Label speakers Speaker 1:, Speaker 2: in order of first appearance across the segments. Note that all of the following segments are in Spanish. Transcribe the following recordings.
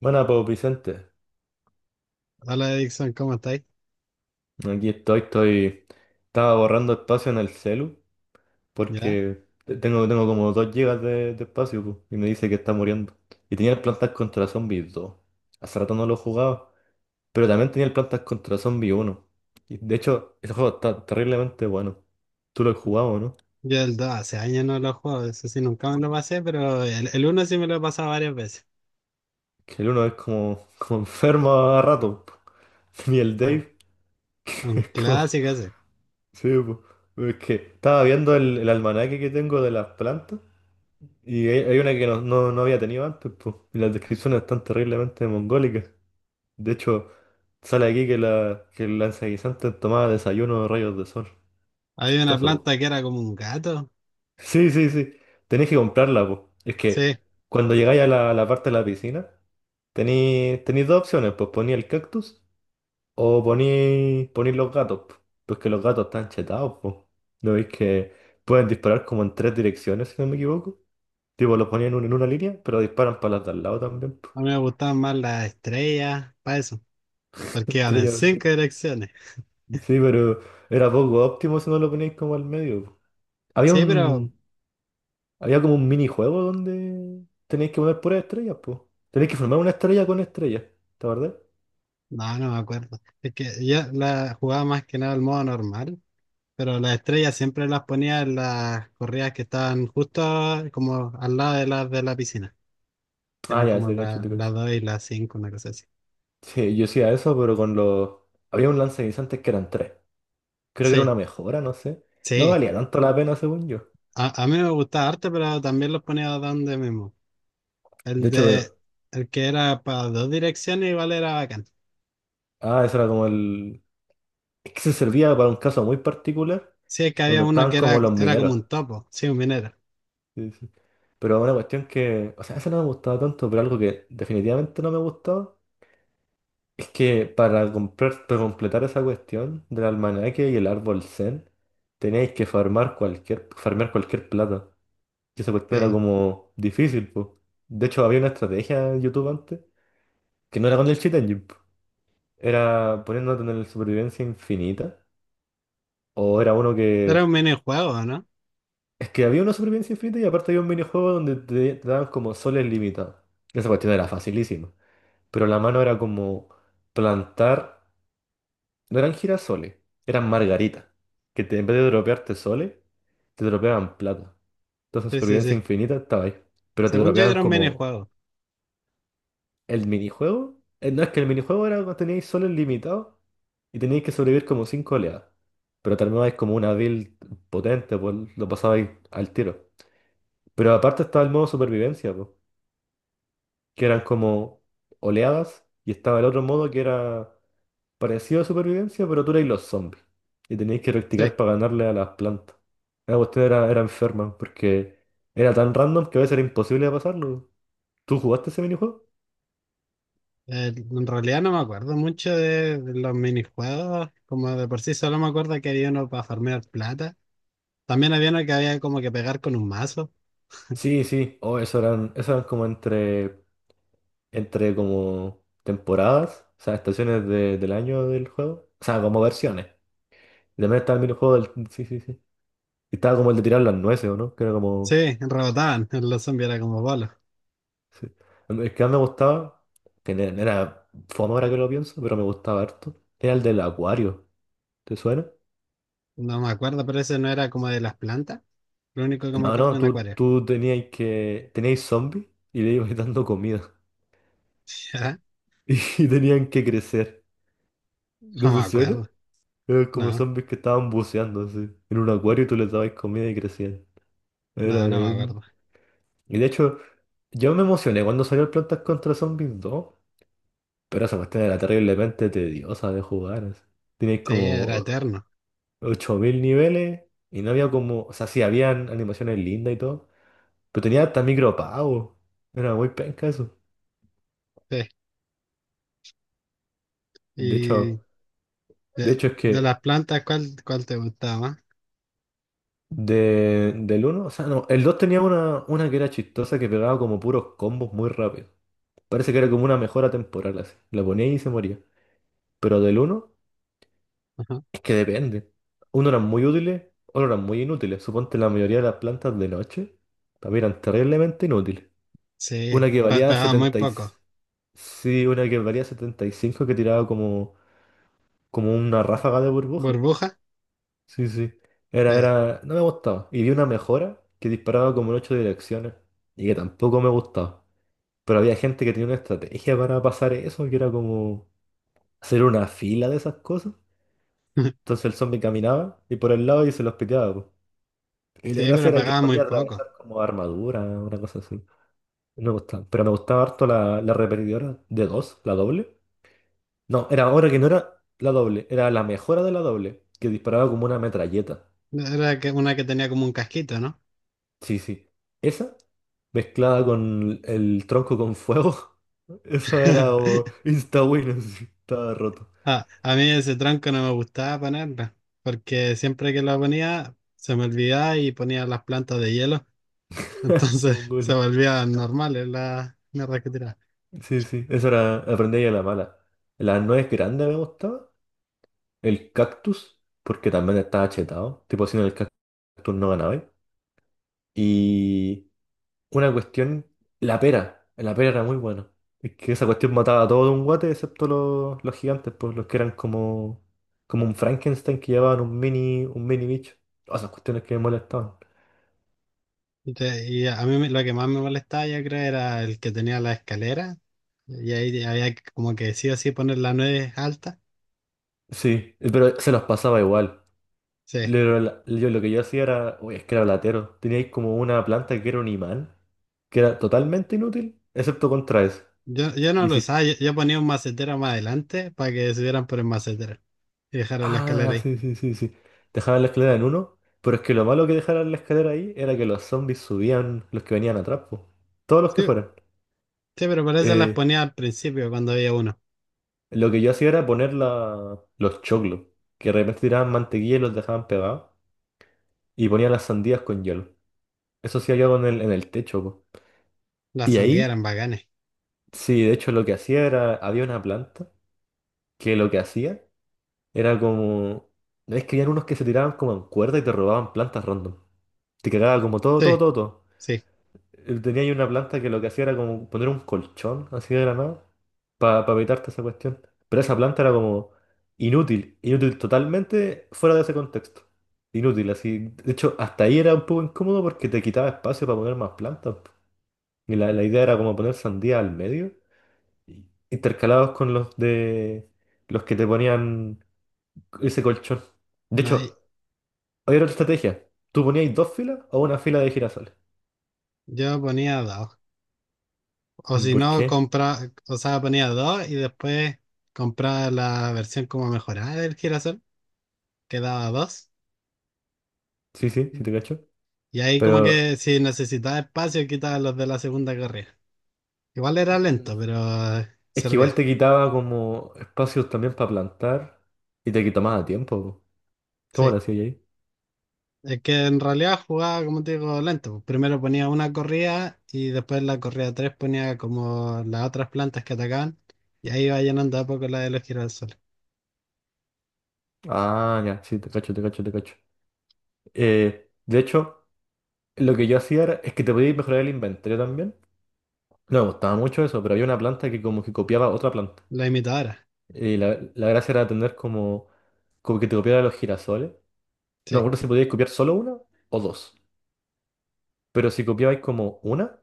Speaker 1: Bueno, pues Vicente,
Speaker 2: Hola Dixon, ¿cómo estáis?
Speaker 1: aquí estaba borrando espacio en el celu
Speaker 2: ¿Ya?
Speaker 1: porque tengo como 2 gigas de espacio pu, y me dice que está muriendo. Y tenía el Plantas contra Zombies dos. Hace rato no lo jugaba, pero también tenía el Plantas contra Zombies uno. Y de hecho, ese juego está terriblemente bueno. Tú lo has jugado, ¿no?
Speaker 2: Yo el 2 hace años no lo juego, eso sí, nunca me lo pasé, pero el 1 sí me lo he pasado varias veces.
Speaker 1: Que el uno es como, como enfermo a rato. Pu. Y el
Speaker 2: Un
Speaker 1: Dave, que
Speaker 2: un
Speaker 1: es como...
Speaker 2: clásico ese.
Speaker 1: Sí, pu. Es que estaba viendo el almanaque que tengo de las plantas. Y hay una que no había tenido antes, pues. Y las descripciones están terriblemente mongólicas. De hecho, sale aquí que que el lanzaguisante tomaba desayuno de rayos de sol.
Speaker 2: Había una
Speaker 1: Chistoso, po.
Speaker 2: planta que era como un gato.
Speaker 1: Sí, sí, sí. Tenés que comprarla, pues. Es
Speaker 2: Sí,
Speaker 1: que cuando llegáis a la parte de la piscina, tenéis dos opciones, pues poní el cactus o poní los gatos, po. Pues que los gatos están chetados, pues. ¿No veis que pueden disparar como en tres direcciones, si no me equivoco? Tipo, los ponían en una línea, pero disparan para las de al lado también. Po.
Speaker 2: a mí me gustaban más las estrellas, para eso, porque iban en
Speaker 1: Estrella.
Speaker 2: cinco direcciones.
Speaker 1: Sí, pero era poco óptimo si no lo ponéis como al medio. Po. Había
Speaker 2: Sí, pero
Speaker 1: un, había como un minijuego donde tenéis que poner puras estrellas, pues. Tenéis que formar una estrella con estrellas, ¿te acordás?
Speaker 2: no, no me acuerdo. Es que yo la jugaba más que nada al modo normal, pero las estrellas siempre las ponía en las corridas que estaban justo como al lado de las de la piscina.
Speaker 1: Ah,
Speaker 2: Eran
Speaker 1: ya,
Speaker 2: como
Speaker 1: te cacho,
Speaker 2: la
Speaker 1: te
Speaker 2: la
Speaker 1: cacho.
Speaker 2: 2 y la cinco, una cosa así.
Speaker 1: Sí, yo hacía eso, pero con los... Había un lanzaguisantes que eran tres. Creo que era
Speaker 2: Sí,
Speaker 1: una mejora, no sé. No
Speaker 2: sí.
Speaker 1: valía tanto la pena, según yo.
Speaker 2: A mí me gustaba arte, pero también los ponía donde mismo.
Speaker 1: De
Speaker 2: El
Speaker 1: hecho,
Speaker 2: de,
Speaker 1: pero...
Speaker 2: el que era para dos direcciones igual era bacán.
Speaker 1: Ah, eso era como el... Es que se servía para un caso muy particular,
Speaker 2: Sí, es que había
Speaker 1: donde
Speaker 2: uno
Speaker 1: estaban
Speaker 2: que
Speaker 1: como
Speaker 2: era,
Speaker 1: los
Speaker 2: era como
Speaker 1: mineros.
Speaker 2: un topo, sí, un minero.
Speaker 1: Sí, sí. Pero una cuestión que, o sea, eso no me ha gustado tanto, pero algo que definitivamente no me ha gustado es que para comprar, para completar esa cuestión del almanaque y el árbol Zen, teníais que farmar cualquier, farmear cualquier plata. Y esa cuestión era
Speaker 2: Sí.
Speaker 1: como difícil, pues. De hecho, había una estrategia en YouTube antes que no era con el cheat engine, po. Era poniéndote en el supervivencia infinita. O era uno
Speaker 2: Era un
Speaker 1: que.
Speaker 2: minijuego, ¿no?
Speaker 1: Es que había una supervivencia infinita y aparte había un minijuego donde te daban como soles limitados. Y esa cuestión era facilísima, pero la mano era como plantar, no eran girasoles, eran margaritas, que en vez de dropearte soles, te dropeaban plata. Entonces
Speaker 2: Sí, sí,
Speaker 1: supervivencia
Speaker 2: sí.
Speaker 1: infinita estaba ahí, pero te
Speaker 2: Según yo
Speaker 1: dropeaban
Speaker 2: era un
Speaker 1: como
Speaker 2: minijuego.
Speaker 1: el minijuego. No, es que el minijuego era cuando teníais soles limitados y teníais que sobrevivir como cinco oleadas, pero terminabais como una build potente, pues lo pasabais al tiro. Pero aparte estaba el modo supervivencia, pues, que eran como oleadas y estaba el otro modo que era parecido a supervivencia, pero tú erais los zombies. Y teníais que
Speaker 2: Sí.
Speaker 1: practicar para ganarle a las plantas. La cuestión era enferma, porque era tan random que a veces era imposible de pasarlo. ¿Tú jugaste ese minijuego?
Speaker 2: En realidad no me acuerdo mucho de los minijuegos. Como de por sí solo me acuerdo que había uno para farmear plata. También había uno que había como que pegar con un mazo.
Speaker 1: Sí, sí. Oh, eso eran como entre, entre como temporadas, o sea, estaciones del año del juego. O sea, como versiones. Y también estaba el minijuego del... Sí, sí, sí. Y estaba como el de tirar las nueces, ¿o no? Que era como...
Speaker 2: Sí, rebotaban. Los zombies era como bolos.
Speaker 1: Sí. El que más me gustaba, que era fome ahora que lo pienso, pero me gustaba harto, era el del acuario. ¿Te suena?
Speaker 2: No me acuerdo, pero ese no era como de las plantas. Lo único que me
Speaker 1: No,
Speaker 2: acuerdo
Speaker 1: no,
Speaker 2: en
Speaker 1: tú,
Speaker 2: acuario.
Speaker 1: tú teníais que. Teníais zombies y le ibas dando comida.
Speaker 2: ¿Ya?
Speaker 1: Y tenían que crecer.
Speaker 2: No
Speaker 1: ¿No te
Speaker 2: me
Speaker 1: suena?
Speaker 2: acuerdo.
Speaker 1: Eran como
Speaker 2: No,
Speaker 1: zombies que estaban buceando así. En un acuario y tú les dabas comida y crecían. Era-
Speaker 2: no,
Speaker 1: era
Speaker 2: no me acuerdo.
Speaker 1: bien- Y de hecho, yo me emocioné cuando salió el Plantas contra Zombies dos. Pero esa cuestión era terriblemente tediosa de jugar. Así. Tenías
Speaker 2: Sí, era
Speaker 1: como
Speaker 2: eterno.
Speaker 1: 8.000 niveles y no había como, o sea, sí, habían animaciones lindas y todo, pero tenía hasta micropagos. Era muy penca eso.
Speaker 2: Sí.
Speaker 1: De
Speaker 2: Y
Speaker 1: hecho, de
Speaker 2: de,
Speaker 1: hecho es
Speaker 2: de
Speaker 1: que
Speaker 2: las plantas, ¿cuál te gustaba más?
Speaker 1: de, del uno, o sea, no, el 2 tenía una que era chistosa que pegaba como puros combos muy rápido. Parece que era como una mejora temporal así. La ponía y se moría. Pero del uno
Speaker 2: Ajá.
Speaker 1: es que depende. Uno eran muy útiles, otros eran muy inútiles. Suponte la mayoría de las plantas de noche también eran terriblemente inútiles. Una
Speaker 2: Sí,
Speaker 1: que valía
Speaker 2: pagaba muy
Speaker 1: 70 y...
Speaker 2: poco.
Speaker 1: Sí, una que valía 75 que tiraba como, como una ráfaga de burbuja.
Speaker 2: ¿Burbuja?
Speaker 1: Sí, sí. Era,
Speaker 2: Sí.
Speaker 1: era... No me gustaba. Y vi una mejora que disparaba como en ocho direcciones. Y que tampoco me gustaba. Pero había gente que tenía una estrategia para pasar eso, que era como hacer una fila de esas cosas. Entonces el zombie caminaba y por el lado y se los piteaba, po. Y la
Speaker 2: Sí,
Speaker 1: gracia
Speaker 2: pero
Speaker 1: era que
Speaker 2: pagaba muy
Speaker 1: podía atravesar
Speaker 2: poco.
Speaker 1: como armadura, una cosa así. No me gustaba. Pero me gustaba harto la repetidora de dos, la doble. No, era ahora que no era la doble, era la mejora de la doble, que disparaba como una metralleta.
Speaker 2: Era que una que tenía como un casquito, ¿no?
Speaker 1: Sí, sí. Esa, mezclada con el tronco con fuego, eso era como insta-win, así, estaba roto.
Speaker 2: Ah, a mí ese tranco no me gustaba ponerla, porque siempre que la ponía se me olvidaba y ponía las plantas de hielo, entonces se
Speaker 1: Mongolia.
Speaker 2: volvían normales las mierdas que tiraba.
Speaker 1: Sí, sí, eso era, aprendí a la mala. La nuez grande me gustaba, el cactus, porque también estaba chetado, tipo si no el cactus no ganaba. Y una cuestión, la pera era muy buena. Es que esa cuestión mataba a todo de un guate, excepto los gigantes, pues los que eran como, como un Frankenstein que llevaban un mini bicho. Todas esas cuestiones que me molestaban.
Speaker 2: Lo que más me molestaba yo creo era el que tenía la escalera y ahí como que sí o sí poner la nuez alta.
Speaker 1: Sí, pero se los pasaba igual.
Speaker 2: Sí,
Speaker 1: Yo lo que yo hacía era, uy, es que era latero. Teníais como una planta que era un imán, que era totalmente inútil, excepto contra eso.
Speaker 2: yo no
Speaker 1: Y
Speaker 2: lo
Speaker 1: si...
Speaker 2: usaba, yo ponía un macetero más adelante para que subieran por el macetero y dejaran la escalera
Speaker 1: Ah,
Speaker 2: ahí.
Speaker 1: sí, sí, sí, sí. Dejaban la escalera en uno, pero es que lo malo que dejaran la escalera ahí era que los zombies subían los que venían atrás, po. Todos los que
Speaker 2: Sí, sí,
Speaker 1: fueran.
Speaker 2: pero por eso las
Speaker 1: Eh,
Speaker 2: ponía al principio cuando había uno.
Speaker 1: lo que yo hacía era poner los choclos, que de repente tiraban mantequilla y los dejaban pegados, y ponía las sandías con hielo. Eso hacía yo en el techo, po.
Speaker 2: Las
Speaker 1: Y
Speaker 2: sandías
Speaker 1: ahí,
Speaker 2: eran bacanes.
Speaker 1: sí, de hecho lo que hacía era, había una planta que lo que hacía era como... Es que habían unos que se tiraban como en cuerda y te robaban plantas random. Te cagaba como todo, todo,
Speaker 2: Sí.
Speaker 1: todo, todo.
Speaker 2: Sí,
Speaker 1: Tenía ahí una planta que lo que hacía era como poner un colchón así de la nada para evitarte esa cuestión. Pero esa planta era como inútil, inútil totalmente fuera de ese contexto. Inútil, así. De hecho, hasta ahí era un poco incómodo porque te quitaba espacio para poner más plantas. Y la idea era como poner sandía al medio, intercalados con los de los que te ponían ese colchón. De
Speaker 2: no hay-
Speaker 1: hecho, había otra estrategia. Tú ponías dos filas o una fila de girasoles.
Speaker 2: yo ponía dos. O si
Speaker 1: ¿Por
Speaker 2: no,
Speaker 1: qué?
Speaker 2: compra, o sea, ponía dos y después compraba la versión como mejorada del girasol, que daba dos.
Speaker 1: Sí, sí, sí te cacho.
Speaker 2: Y ahí como
Speaker 1: Pero...
Speaker 2: que si necesitaba espacio, quitaba los de la segunda carrera. Igual era
Speaker 1: Mm.
Speaker 2: lento, pero
Speaker 1: Es que igual
Speaker 2: servía.
Speaker 1: te quitaba como espacios también para plantar y te quitaba tiempo. Po. ¿Cómo
Speaker 2: Sí.
Speaker 1: lo hacías ahí?
Speaker 2: Es que en realidad jugaba, como te digo, lento. Primero ponía una corrida y después la corrida tres ponía como las otras plantas que atacaban. Y ahí iba llenando a poco la de los girasoles.
Speaker 1: Ah, ya, sí, te cacho, te cacho, te cacho. De hecho, lo que yo hacía era, es que te podías mejorar el inventario también. No me gustaba mucho eso, pero había una planta que como que copiaba otra planta.
Speaker 2: La imitadora.
Speaker 1: Y la gracia era tener como, como que te copiara los girasoles. No me
Speaker 2: Sí.
Speaker 1: acuerdo si podías copiar solo una o dos. Pero si copiabais como una,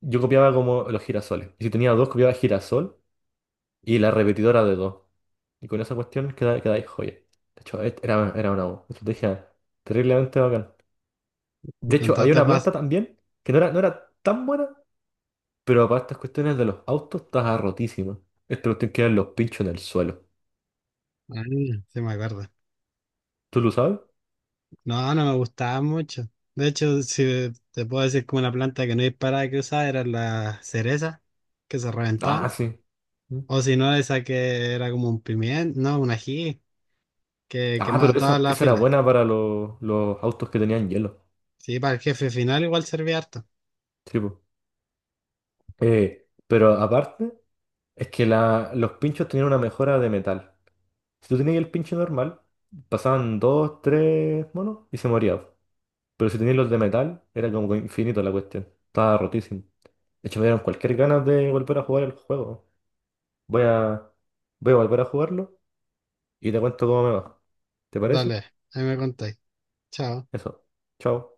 Speaker 1: yo copiaba como los girasoles. Y si tenía dos, copiaba girasol y la repetidora de dos. Y con esa cuestión quedáis joya. De hecho, era una estrategia terriblemente bacán. De hecho, había
Speaker 2: Intentaste
Speaker 1: una
Speaker 2: pas-
Speaker 1: planta también que no era tan buena, pero para estas cuestiones de los autos estaba rotísima. Esta cuestión que eran los pinchos en el suelo.
Speaker 2: Ah, sí me acuerdo.
Speaker 1: ¿Tú lo sabes?
Speaker 2: No, no me gustaba mucho. De hecho, si te puedo decir como una planta que no disparaba que usaba era la cereza, que se
Speaker 1: Ah,
Speaker 2: reventaban.
Speaker 1: sí. Mm.
Speaker 2: O si no, esa que era como un pimiento, no, un ají, que
Speaker 1: Ah, pero
Speaker 2: quemaba toda
Speaker 1: esa,
Speaker 2: la
Speaker 1: esa era
Speaker 2: fila.
Speaker 1: buena para los autos que tenían hielo.
Speaker 2: Sí, para el jefe final igual servía harto.
Speaker 1: Sí, po. Pero aparte, es que la, los pinchos tenían una mejora de metal. Si tú tenías el pincho normal, pasaban dos, tres monos y se moría. Pero si tenías los de metal, era como infinito la cuestión. Estaba rotísimo. De hecho, me dieron cualquier ganas de volver a jugar el juego. Voy a, voy a volver a jugarlo y te cuento cómo me va. ¿Te parece?
Speaker 2: Dale, ahí me contáis. Chao.
Speaker 1: Eso. Chao.